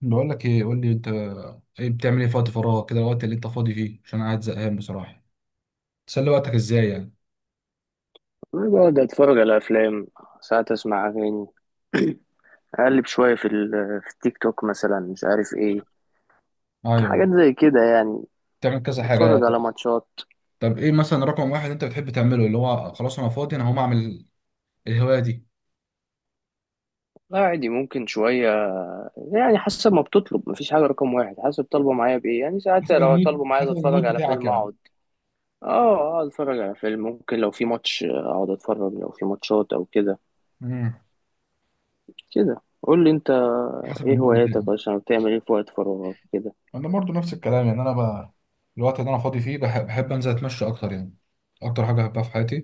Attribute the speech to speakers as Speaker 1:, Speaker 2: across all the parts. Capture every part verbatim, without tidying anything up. Speaker 1: بقول لك ايه، قول لي انت. ايه بتعمل ايه في وقت فراغك كده، الوقت اللي انت فاضي فيه؟ عشان أنا قاعد زهقان بصراحه. تسلي وقتك ازاي يعني؟
Speaker 2: أنا بقعد أتفرج على أفلام. ساعات أسمع أغاني. أقلب شوية في ال- في التيك توك مثلا، مش عارف إيه،
Speaker 1: ايوه،
Speaker 2: حاجات زي كده يعني.
Speaker 1: بتعمل كذا حاجه
Speaker 2: أتفرج على
Speaker 1: يعني.
Speaker 2: ماتشات.
Speaker 1: طب ايه مثلا رقم واحد انت بتحب تعمله، اللي هو خلاص انا فاضي انا هقوم اعمل الهوايه دي؟
Speaker 2: لا، عادي، ممكن شوية يعني حسب ما بتطلب. مفيش حاجة رقم واحد، حسب طالبة معايا بإيه، يعني ساعات
Speaker 1: حسب
Speaker 2: لو طالبة
Speaker 1: المود
Speaker 2: معايا
Speaker 1: حسب
Speaker 2: أتفرج
Speaker 1: المود
Speaker 2: على
Speaker 1: بتاعك
Speaker 2: فيلم
Speaker 1: يعني.
Speaker 2: أقعد. أه، أقعد أتفرج على فيلم، ممكن لو في ماتش أقعد أتفرج، لو في ماتشات أو كده.
Speaker 1: امم
Speaker 2: كده قول لي أنت،
Speaker 1: حسب
Speaker 2: إيه
Speaker 1: المود بتاعك.
Speaker 2: هواياتك أصلا، بتعمل إيه في وقت فراغك كده؟
Speaker 1: انا برضو نفس الكلام يعني. انا بقى الوقت اللي انا فاضي فيه بح- بحب انزل اتمشى اكتر يعني، اكتر حاجه بحبها في حياتي.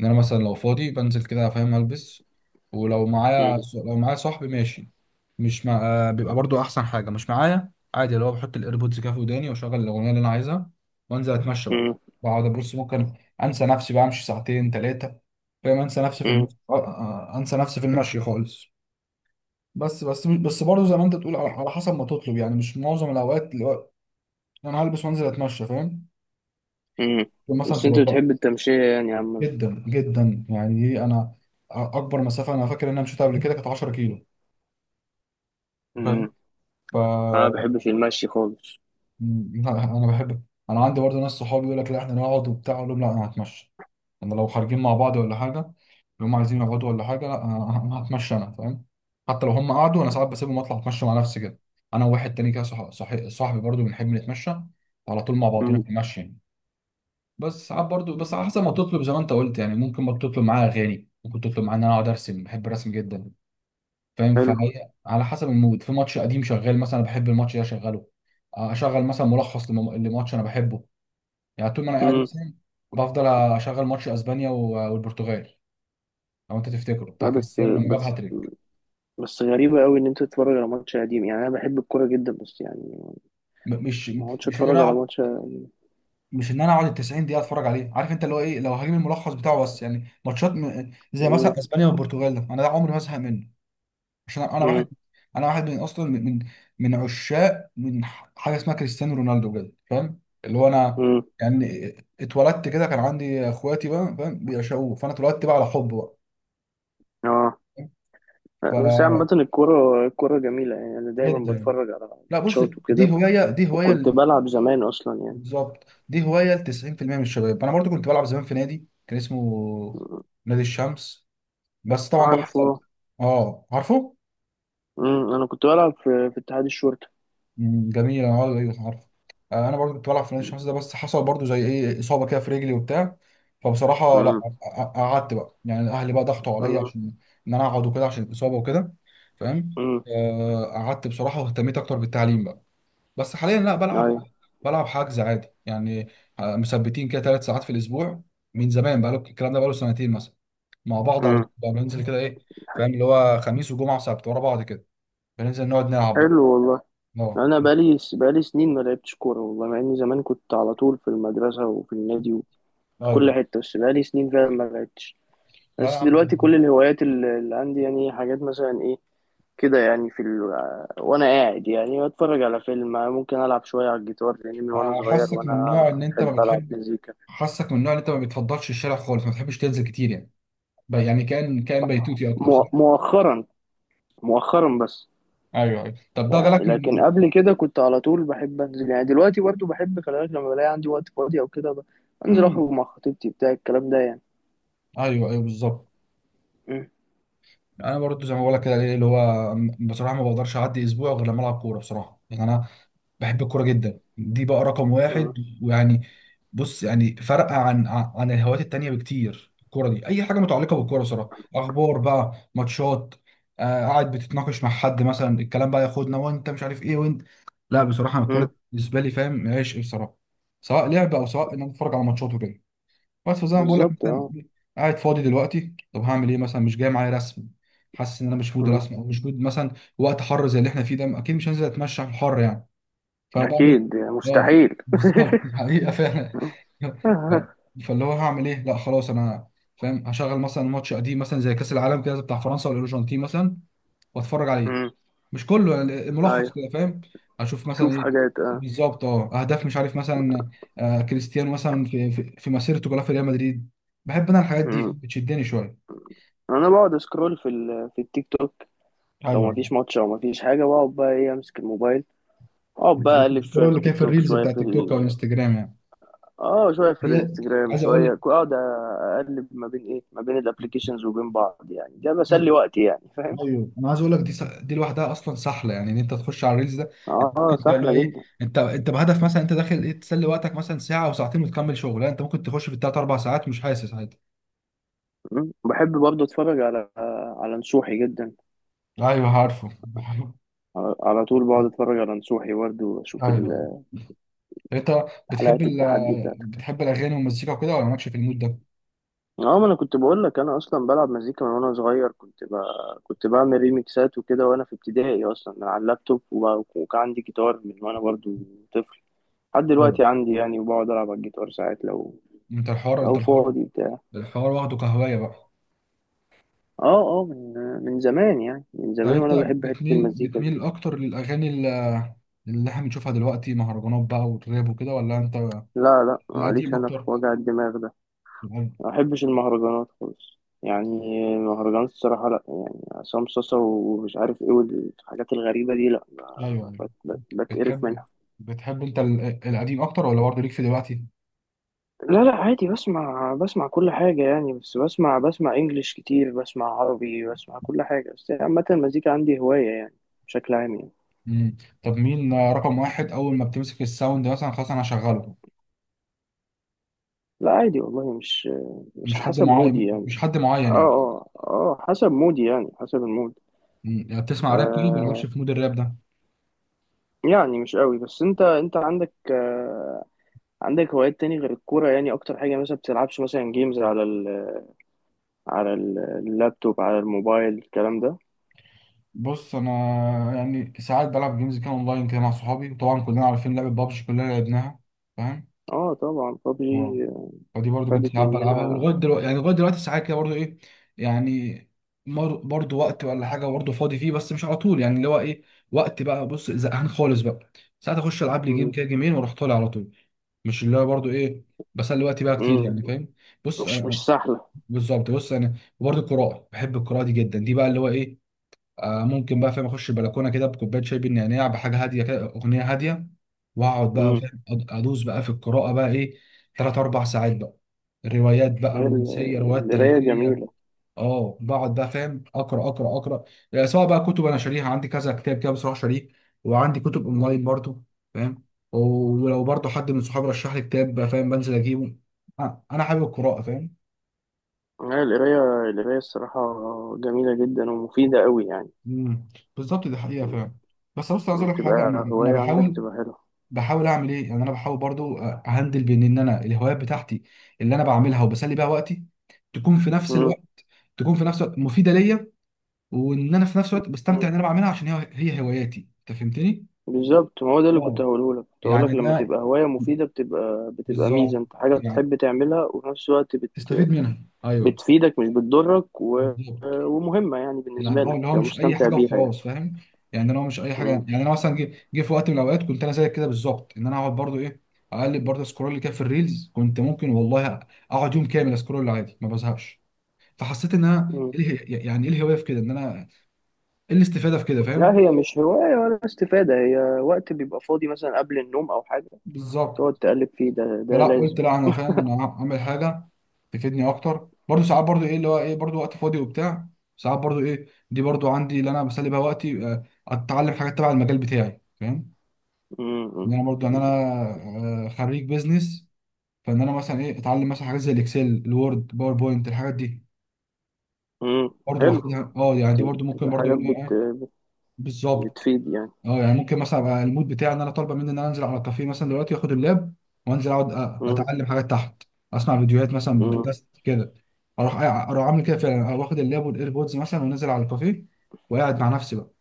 Speaker 1: ان انا مثلا لو فاضي بنزل كده، فاهم، البس ولو
Speaker 2: مم.
Speaker 1: معايا، لو معايا صاحبي ماشي، مش مع... آه، بيبقى برضو احسن حاجه مش معايا عادي، اللي هو بحط الايربودز كده في وداني واشغل الاغنيه اللي انا عايزها وانزل اتمشى بقى. بقعد ابص، ممكن انسى نفسي بقى، امشي ساعتين ثلاثه، فاهم، انسى نفسي في الم...
Speaker 2: مم.
Speaker 1: آه، آه، آه، انسى نفسي في المشي خالص. بس بس بس برضه زي ما انت تقول، على على حسب ما تطلب يعني، مش معظم الاوقات انا هلبس وانزل اتمشى فاهم.
Speaker 2: مم.
Speaker 1: مثلا
Speaker 2: بس
Speaker 1: تبقى
Speaker 2: انت
Speaker 1: الأرض
Speaker 2: بتحب التمشية يعني يا عم؟
Speaker 1: جدا جدا يعني. ايه، انا اكبر مسافه انا فاكر ان انا مشيتها قبل كده كانت 10 كيلو، فاهم.
Speaker 2: مم.
Speaker 1: ف
Speaker 2: انا ما بحبش المشي خالص.
Speaker 1: م- لا انا بحب. انا عندي برضه ناس صحابي يقول لك لا احنا نقعد وبتاع، اقول لهم لا انا هتمشى. انا لو خارجين مع بعض ولا حاجه، لو هم عايزين يقعدوا ولا حاجه، لا انا أنا هتمشى انا، فاهم. حتى لو هم قعدوا، انا ساعات بسيبهم اطلع اتمشى مع نفسي كده، انا وواحد تاني كده، صح... صح... صاحبي برضه بنحب نتمشى على طول مع بعضينا
Speaker 2: مم.
Speaker 1: في المشي يعني. بس ساعات برضو، بس على حسب ما تطلب زي ما انت قلت يعني، ممكن ما تطلب معايا اغاني، ممكن تطلب معايا ان انا اقعد ارسم. بحب الرسم جدا، فاهم.
Speaker 2: حلو.
Speaker 1: فهي على حسب المود. في ماتش قديم شغال مثلا بحب الماتش ده اشغله. آه، اشغل مثلا ملخص لم- لماتش انا بحبه يعني. طول ما انا قاعد
Speaker 2: مم.
Speaker 1: مثلا بفضل اشغل ماتش اسبانيا و- والبرتغال، لو انت تفتكره بتاع
Speaker 2: لا، بس،
Speaker 1: كريستيانو لما جاب
Speaker 2: بس،
Speaker 1: هاتريك.
Speaker 2: بس غريبة قوي ان انت تتفرج على ماتش قديم، يعني انا بحب الكورة جدا بس يعني
Speaker 1: م- مش
Speaker 2: ما اقعدش
Speaker 1: مش ان
Speaker 2: اتفرج
Speaker 1: انا
Speaker 2: على
Speaker 1: اقعد،
Speaker 2: ماتش.
Speaker 1: مش ان انا اقعد ال التسعين دقيقة دقيقه اتفرج عليه، عارف انت، اللي هو ايه، لو هجيب الملخص بتاعه. بس يعني ماتشات م- زي
Speaker 2: مم.
Speaker 1: مثلا اسبانيا والبرتغال ده، انا ده عمري ما ازهق منه. عشان انا
Speaker 2: مم.
Speaker 1: واحد، انا واحد من اصلا، من من من عشاق، من ح- حاجه اسمها كريستيانو رونالدو بجد، فاهم. اللي هو انا
Speaker 2: مم.
Speaker 1: يعني اتولدت كده، كان عندي اخواتي بقى، فاهم، بيعشقوه، فانا اتولدت بقى على حب بقى.
Speaker 2: اه، بس عامة
Speaker 1: ف
Speaker 2: الكورة، الكورة جميلة، يعني انا دايما
Speaker 1: جدا.
Speaker 2: بتفرج على
Speaker 1: لا بص،
Speaker 2: ماتشات وكده،
Speaker 1: دي هوايه دي هوايه
Speaker 2: وكنت
Speaker 1: ل-
Speaker 2: بلعب زمان اصلا يعني.
Speaker 1: بالظبط دي هوايه ل تسعين في المية من الشباب. انا برضو كنت بلعب زمان في نادي كان اسمه نادي الشمس، بس طبعا بقى
Speaker 2: عارف؟
Speaker 1: حصل.
Speaker 2: اه.
Speaker 1: اه، عارفه.
Speaker 2: مم. انا كنت بلعب في في اتحاد الشرطة.
Speaker 1: مم، جميل، انا عارف، ايوه عارف. آه، انا برضو كنت بلعب في نادي الشمس ده، بس حصل برضو زي ايه اصابه كده في رجلي وبتاع. فبصراحه لا،
Speaker 2: مم.
Speaker 1: ق- قعدت بقى يعني، اهلي بقى ضغطوا عليا
Speaker 2: مم.
Speaker 1: عشان ان انا اقعد وكده عشان الاصابه وكده، فاهم.
Speaker 2: مم.
Speaker 1: آه، قعدت بصراحه واهتميت اكتر بالتعليم بقى. بس حاليا لا بلعب،
Speaker 2: ايوه.
Speaker 1: بلعب حجز عادي يعني. آه، مثبتين كده ثلاث ساعات في الاسبوع من زمان بقى. الكلام ده بقى له سنتين مثلا مع بعض على
Speaker 2: مم.
Speaker 1: طول بقى. بننزل كده ايه، فاهم، اللي هو خميس وجمعه وسبت ورا بعض كده، بننزل نقعد نلعب بقى.
Speaker 2: حلو والله.
Speaker 1: اه
Speaker 2: انا بقالي بقالي سنين ما لعبتش كوره والله، مع اني زمان كنت على طول في المدرسه وفي النادي وفي كل
Speaker 1: ايوه.
Speaker 2: حته، بس بقالي سنين فعلا ما لعبتش.
Speaker 1: لا يا
Speaker 2: بس
Speaker 1: عم
Speaker 2: دلوقتي
Speaker 1: دي-
Speaker 2: كل الهوايات اللي اللي عندي يعني، حاجات مثلا ايه كده يعني، في ال... وانا قاعد يعني بتفرج على فيلم، ممكن العب شويه على الجيتار، لان من وانا
Speaker 1: انا
Speaker 2: صغير
Speaker 1: حاسك من نوع
Speaker 2: وانا
Speaker 1: ان انت ما
Speaker 2: بحب العب
Speaker 1: بتحب،
Speaker 2: مزيكا.
Speaker 1: حاسك من نوع ان انت ما بتفضلش الشارع خالص، ما بتحبش تنزل كتير يعني. ب- يعني كان كان بيتوتي اكتر صح؟
Speaker 2: مؤ- مؤخرا، مؤخرا بس.
Speaker 1: ايوه ايوه. طب ده جالك
Speaker 2: لكن
Speaker 1: من
Speaker 2: قبل كده كنت على طول بحب انزل يعني، دلوقتي برضه بحب، خلي بالك، لما بلاقي عندي وقت فاضي او كده ب- انزل
Speaker 1: مم.
Speaker 2: اخرج مع خطيبتي بتاع الكلام ده يعني.
Speaker 1: ايوه ايوه بالظبط. انا برضو زي ما بقول لك كده، إيه اللي هو، بصراحه ما بقدرش اعدي اسبوع غير لما العب كوره. بصراحه يعني انا بحب الكوره جدا، دي بقى رقم
Speaker 2: مم.
Speaker 1: واحد. ويعني، بص، يعني فرق عن عن الهوايات التانية بكتير. الكوره دي اي حاجه متعلقه بالكوره صراحه، اخبار بقى، ماتشات، آه قاعد بتتناقش مع حد مثلا، الكلام بقى ياخدنا وانت مش عارف ايه وانت. لا بصراحه أنا الكوره
Speaker 2: مم.
Speaker 1: دي بالنسبه لي، فاهم، عشق بصراحه، سواء لعب او سواء ان انا اتفرج على ماتشات وكده. بس فزي ما بقول لك
Speaker 2: بالظبط
Speaker 1: مثلا،
Speaker 2: اه.
Speaker 1: قاعد فاضي دلوقتي، طب هعمل ايه مثلا؟ مش جاي معايا رسم، حاسس ان انا مش مود
Speaker 2: مم.
Speaker 1: رسم، او مش مود مثلا، وقت حر زي اللي احنا فيه ده، اكيد مش هنزل اتمشى في الحر يعني. فبعمل
Speaker 2: اكيد يعني
Speaker 1: ايه؟ اه
Speaker 2: مستحيل.
Speaker 1: بالظبط الحقيقه فعلا. ف- فاللي هو هعمل ايه؟ لا خلاص انا، فاهم، هشغل مثلا ماتش قديم مثلا، زي كاس العالم كده بتاع فرنسا والارجنتين مثلا، واتفرج عليه.
Speaker 2: مم.
Speaker 1: مش كله يعني، ملخص
Speaker 2: ايوه،
Speaker 1: كده فاهم؟ اشوف مثلا
Speaker 2: تشوف
Speaker 1: ايه.
Speaker 2: حاجات اه.
Speaker 1: بالظبط، اه، اهداف مش عارف مثلا، آه كريستيانو مثلا في في, في مسيرته كلها في ريال مدريد. بحب انا الحاجات دي
Speaker 2: مم.
Speaker 1: فاهم؟ بتشدني شويه.
Speaker 2: انا بقعد اسكرول في ال... في التيك توك، لو ما
Speaker 1: ايوه،
Speaker 2: فيش ماتش او ما فيش حاجه بقعد بقى ايه، امسك الموبايل، اقعد بقى اقلب
Speaker 1: بتشوفوا
Speaker 2: شويه في
Speaker 1: اللي كان
Speaker 2: التيك
Speaker 1: في
Speaker 2: توك،
Speaker 1: الريلز
Speaker 2: شويه
Speaker 1: بتاع
Speaker 2: في
Speaker 1: تيك توك او
Speaker 2: ال...
Speaker 1: انستجرام يعني.
Speaker 2: اه، شويه في
Speaker 1: هي،
Speaker 2: الانستجرام،
Speaker 1: عايز
Speaker 2: شويه
Speaker 1: اقول
Speaker 2: اقعد اقلب ما بين ايه، ما بين الابلكيشنز وبين بعض يعني. ده
Speaker 1: لك،
Speaker 2: بسلي وقتي يعني، فاهم.
Speaker 1: ايوه انا عايز اقول لك، دي س... دي لوحدها اصلا سحله يعني، ان انت تخش على الريلز ده انت
Speaker 2: اه،
Speaker 1: ممكن تلاقي
Speaker 2: سهله
Speaker 1: ايه.
Speaker 2: جدا.
Speaker 1: انت انت بهدف مثلا انت داخل ايه، تسلي وقتك مثلا ساعه او ساعتين وتكمل شغل، لا انت ممكن تخش في الثلاث اربع ساعات مش حاسس، عادي.
Speaker 2: مم. بحب برضه اتفرج على، على نصوحي جدا.
Speaker 1: ايوه عارفه. ايوه
Speaker 2: على على طول بقعد اتفرج على نصوحي برضه، واشوف
Speaker 1: ايوه.
Speaker 2: ال-
Speaker 1: انت بتحب
Speaker 2: حلقات
Speaker 1: ال...
Speaker 2: التحدي بتاعته.
Speaker 1: بتحب الاغاني والمزيكا وكده ولا مالكش في المود ده؟
Speaker 2: اه، ما انا كنت بقول لك، انا اصلا بلعب مزيكا من وانا صغير، كنت ب... كنت بعمل ريميكسات وكده وانا في ابتدائي اصلا من على اللابتوب، وب... وكان عندي جيتار من وانا برضو طفل، لحد
Speaker 1: ايوه
Speaker 2: دلوقتي عندي يعني، وبقعد العب على الجيتار ساعات، لو
Speaker 1: انت الحوار، انت
Speaker 2: لو
Speaker 1: الحوار،
Speaker 2: فاضي بتاع.
Speaker 1: الحوار واخده كهوايه بقى.
Speaker 2: اه اه، من من زمان يعني، من
Speaker 1: طب
Speaker 2: زمان
Speaker 1: انت
Speaker 2: وانا بحب حتة
Speaker 1: بتميل
Speaker 2: المزيكا دي.
Speaker 1: بتميل اكتر للاغاني ال- اللي احنا بنشوفها دلوقتي مهرجانات بقى والراب وكده ولا انت
Speaker 2: لا، لا،
Speaker 1: القديم
Speaker 2: معليش، انا في
Speaker 1: اكتر؟
Speaker 2: وجع الدماغ ده
Speaker 1: القديم.
Speaker 2: ما بحبش المهرجانات خالص يعني. المهرجانات الصراحة لا يعني، عصام صاصا ومش عارف ايه والحاجات الغريبة دي، لا، ب-
Speaker 1: ايوه ايوه.
Speaker 2: ب- ب- بتقرف
Speaker 1: بتحب،
Speaker 2: منها.
Speaker 1: بتحب انت ال- القديم اكتر ولا برضه ليك في دلوقتي؟
Speaker 2: لا، لا، عادي، بسمع، بسمع كل حاجة يعني، بس بسمع، بسمع انجليش كتير، بسمع عربي، بسمع كل حاجة، بس عامة المزيكا عندي هواية يعني، بشكل عام يعني.
Speaker 1: مم. طب مين رقم واحد اول ما بتمسك الساوند مثلا خلاص انا هشغله؟
Speaker 2: لا، عادي والله، مش مش
Speaker 1: مش حد
Speaker 2: حسب مودي
Speaker 1: معين
Speaker 2: يعني.
Speaker 1: مش حد
Speaker 2: اه
Speaker 1: معين يعني.
Speaker 2: اه اه، حسب مودي يعني، حسب المود.
Speaker 1: مم. يعني بتسمع راب طيب ولا مش
Speaker 2: آه،
Speaker 1: في مود الراب ده؟
Speaker 2: يعني مش قوي. بس انت انت عندك آه، عندك هوايات تاني غير الكورة يعني؟ أكتر حاجة مثلا، بتلعبش مثلا جيمز على ال، على ال- اللابتوب، على الموبايل، الكلام ده؟
Speaker 1: بص انا يعني ساعات بلعب جيمز كده اونلاين كده مع صحابي، وطبعا كلنا عارفين لعبة بابجي كلنا لعبناها، فاهم.
Speaker 2: اه طبعا،
Speaker 1: اه
Speaker 2: ببجي،
Speaker 1: ودي برضو كنت
Speaker 2: خدت
Speaker 1: ساعات بلعبها
Speaker 2: مننا.
Speaker 1: ولغايه دلوقتي يعني، لغايه دلوقتي ساعات كده برضو ايه يعني، مر- برضو وقت ولا حاجه برضو فاضي فيه، بس مش على طول يعني، اللي هو ايه، وقت بقى بص زهقان خالص بقى، ساعات اخش العب لي جيم
Speaker 2: مم.
Speaker 1: كده جيمين واروح طالع على طول، مش اللي هو برضو ايه بسلي وقتي بقى كتير
Speaker 2: مم.
Speaker 1: يعني، فاهم. بص
Speaker 2: مش، مش
Speaker 1: انا،
Speaker 2: سهلة.
Speaker 1: بالظبط، بص انا وبرضو القراءه، بحب القراءه دي جدا، دي بقى اللي هو ايه، آه، ممكن بقى، فاهم، اخش البلكونه كده بكوبايه شاي بالنعناع، بحاجه هاديه كده، اغنيه هاديه، واقعد بقى،
Speaker 2: مم.
Speaker 1: فاهم، أد- ادوس بقى في القراءه بقى ايه، ثلاث اربع ساعات بقى، روايات بقى
Speaker 2: هي ال-
Speaker 1: رومانسيه، روايات
Speaker 2: القراية
Speaker 1: تاريخيه.
Speaker 2: جميلة.
Speaker 1: اه بقعد بقى، فاهم، اقرا اقرا اقرا يعني، سواء بقى كتب انا شاريها، عندي كذا كتاب كده بصراحه شاريه، وعندي كتب
Speaker 2: مم.
Speaker 1: اونلاين برضو، فاهم. ولو برضو حد من صحابي رشح لي كتاب بقى، فاهم، بنزل اجيبه. آه، انا حابب القراءه فاهم.
Speaker 2: هي القراية، القراية الصراحة جميلة جدا ومفيدة أوي يعني.
Speaker 1: مم. بالظبط دي حقيقه فعلا. بس بص عايز
Speaker 2: مم.
Speaker 1: اقول لك حاجه،
Speaker 2: بتبقى
Speaker 1: يعني انا
Speaker 2: هواية عندك،
Speaker 1: بحاول،
Speaker 2: بتبقى حلوة.
Speaker 1: بحاول اعمل ايه يعني، انا بحاول برضو اهندل بين ان انا الهوايات بتاعتي اللي انا بعملها وبسلي بيها وقتي تكون في نفس
Speaker 2: مم.
Speaker 1: الوقت، تكون في نفس الوقت مفيده ليا، وان انا في نفس الوقت بستمتع
Speaker 2: مم.
Speaker 1: ان انا بعملها، عشان هي هي هواياتي، انت فهمتني.
Speaker 2: بالظبط، ما هو ده اللي كنت
Speaker 1: اه
Speaker 2: هقوله لك، كنت هقول
Speaker 1: يعني
Speaker 2: لك، لما
Speaker 1: ده،
Speaker 2: تبقى هواية مفيدة بتبقى، بتبقى ميزة،
Speaker 1: بالظبط
Speaker 2: انت حاجة
Speaker 1: يعني،
Speaker 2: بتحب تعملها وفي نفس الوقت
Speaker 1: تستفيد منها، ايوه
Speaker 2: بتفيدك، مش بتضرك، و...
Speaker 1: بالظبط.
Speaker 2: ومهمة يعني
Speaker 1: يعني
Speaker 2: بالنسبة
Speaker 1: اه
Speaker 2: لك،
Speaker 1: اللي هو
Speaker 2: تبقى
Speaker 1: مش اي
Speaker 2: مستمتع
Speaker 1: حاجه
Speaker 2: بيها
Speaker 1: وخلاص،
Speaker 2: يعني.
Speaker 1: فاهم، يعني انا هو مش اي حاجه.
Speaker 2: مم.
Speaker 1: يعني انا مثلا جه جه في وقت من الاوقات كنت انا زيك كده بالظبط، ان انا اقعد برضو ايه، اقلب برضو سكرول كده في الريلز. كنت ممكن والله اقعد يوم كامل اسكرول عادي ما بزهقش. فحسيت ان انا
Speaker 2: مم.
Speaker 1: ايه اله- يعني ايه الهوايه في كده، ان انا ايه الاستفاده في كده
Speaker 2: لا،
Speaker 1: فاهم.
Speaker 2: هي مش هواية ولا استفادة، هي وقت بيبقى فاضي مثلا قبل النوم أو حاجة تقعد
Speaker 1: بالظبط.
Speaker 2: تقلب فيه، ده ده
Speaker 1: فلا
Speaker 2: لازم.
Speaker 1: قلت لا انا، فاهم، انا اعمل حاجه تفيدني اكتر. برضو ساعات برضو ايه، اللي هو ايه، برضو وقت فاضي وبتاع، ساعات برضو ايه، دي برضو عندي اللي انا بسلي بيها وقتي، آه، اتعلم حاجات تبع المجال بتاعي، فاهم،
Speaker 2: مم.
Speaker 1: ان
Speaker 2: مم.
Speaker 1: انا برضو ان انا، آه، خريج بيزنس، فان انا مثلا ايه اتعلم مثلا حاجات زي الاكسل، الوورد، باوربوينت، الحاجات دي
Speaker 2: مم.
Speaker 1: برضو،
Speaker 2: حلو.
Speaker 1: واخدها اه يعني،
Speaker 2: بت-
Speaker 1: دي برضو ممكن
Speaker 2: بتبقى
Speaker 1: برضو ايه،
Speaker 2: حاجات بت...
Speaker 1: إيه،
Speaker 2: بت-
Speaker 1: بالظبط
Speaker 2: بتفيد يعني.
Speaker 1: اه. يعني ممكن مثلا ابقى المود بتاعي ان انا طالبه مني ان انا انزل على الكافيه مثلا دلوقتي، واخد اللاب وانزل اقعد أ-
Speaker 2: مم.
Speaker 1: اتعلم حاجات تحت، اسمع فيديوهات مثلا،
Speaker 2: مم.
Speaker 1: بودكاست كده. اروح اروح اعمل كده فعلا، أروح واخد اللاب والايربودز مثلا ونازل على الكافيه، وقاعد مع نفسي بقى،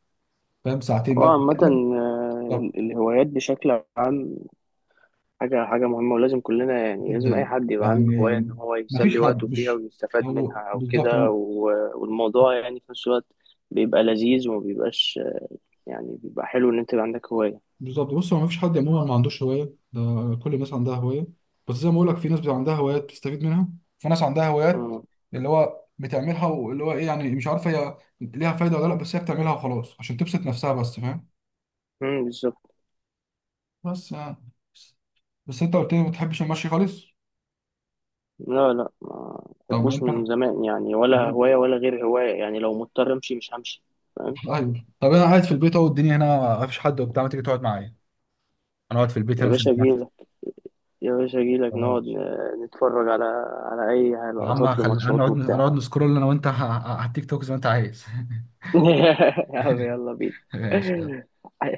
Speaker 1: فاهم، ساعتين بقى.
Speaker 2: وعامة آه، ال-
Speaker 1: بالظبط،
Speaker 2: الهوايات بشكل عام حاجة، حاجة مهمة، ولازم كلنا يعني، لازم أي
Speaker 1: جدا
Speaker 2: حد يبقى عنده هواية،
Speaker 1: يعني.
Speaker 2: إن هو يسلي
Speaker 1: مفيش
Speaker 2: وقته
Speaker 1: حد
Speaker 2: فيها
Speaker 1: مش،
Speaker 2: ويستفاد
Speaker 1: هو
Speaker 2: منها أو
Speaker 1: بالظبط
Speaker 2: كده،
Speaker 1: هو،
Speaker 2: و- والموضوع يعني في نفس الوقت بيبقى لذيذ وما بيبقاش يعني، بيبقى حلو إن أنت يبقى عندك هواية.
Speaker 1: بالظبط. بص هو مفيش حد عموما ما عندوش هوايه ده، كل الناس عندها هوايه، بس زي ما بقول لك في ناس بتبقى عندها هوايات بتستفيد منها، في ناس عندها هوايات
Speaker 2: مم.
Speaker 1: اللي هو بتعملها واللي هو ايه يعني مش عارفه هي ليها فايده ولا لا، بس هي بتعملها وخلاص عشان تبسط نفسها بس، فاهم.
Speaker 2: مم، بالظبط.
Speaker 1: بس يعني، بس انت قلت لي ما بتحبش المشي خالص،
Speaker 2: لا، لا، ما
Speaker 1: طب ما
Speaker 2: بحبوش
Speaker 1: انت.
Speaker 2: من زمان يعني، ولا هواية ولا غير هواية يعني، لو مضطر أمشي مش همشي، فاهم.
Speaker 1: ايوه، طب انا قاعد في البيت اهو، الدنيا هنا ما فيش حد وبتاع، ما تيجي تقعد معايا. انا قاعد في البيت
Speaker 2: يا
Speaker 1: هنا مش
Speaker 2: باشا
Speaker 1: هنتمتع.
Speaker 2: أجيلك، يا باشا أجيلك نقعد
Speaker 1: خلاص
Speaker 2: ن- نتفرج على، على أي
Speaker 1: يا عم،
Speaker 2: لقطات
Speaker 1: خلي انا
Speaker 2: لماتشات
Speaker 1: اقعد، انا
Speaker 2: وبتاع.
Speaker 1: اقعد نسكرول انا وانت ه- ه- على التيك توك زي ما انت عايز.
Speaker 2: يا عم يلا
Speaker 1: ماشي.
Speaker 2: بينا.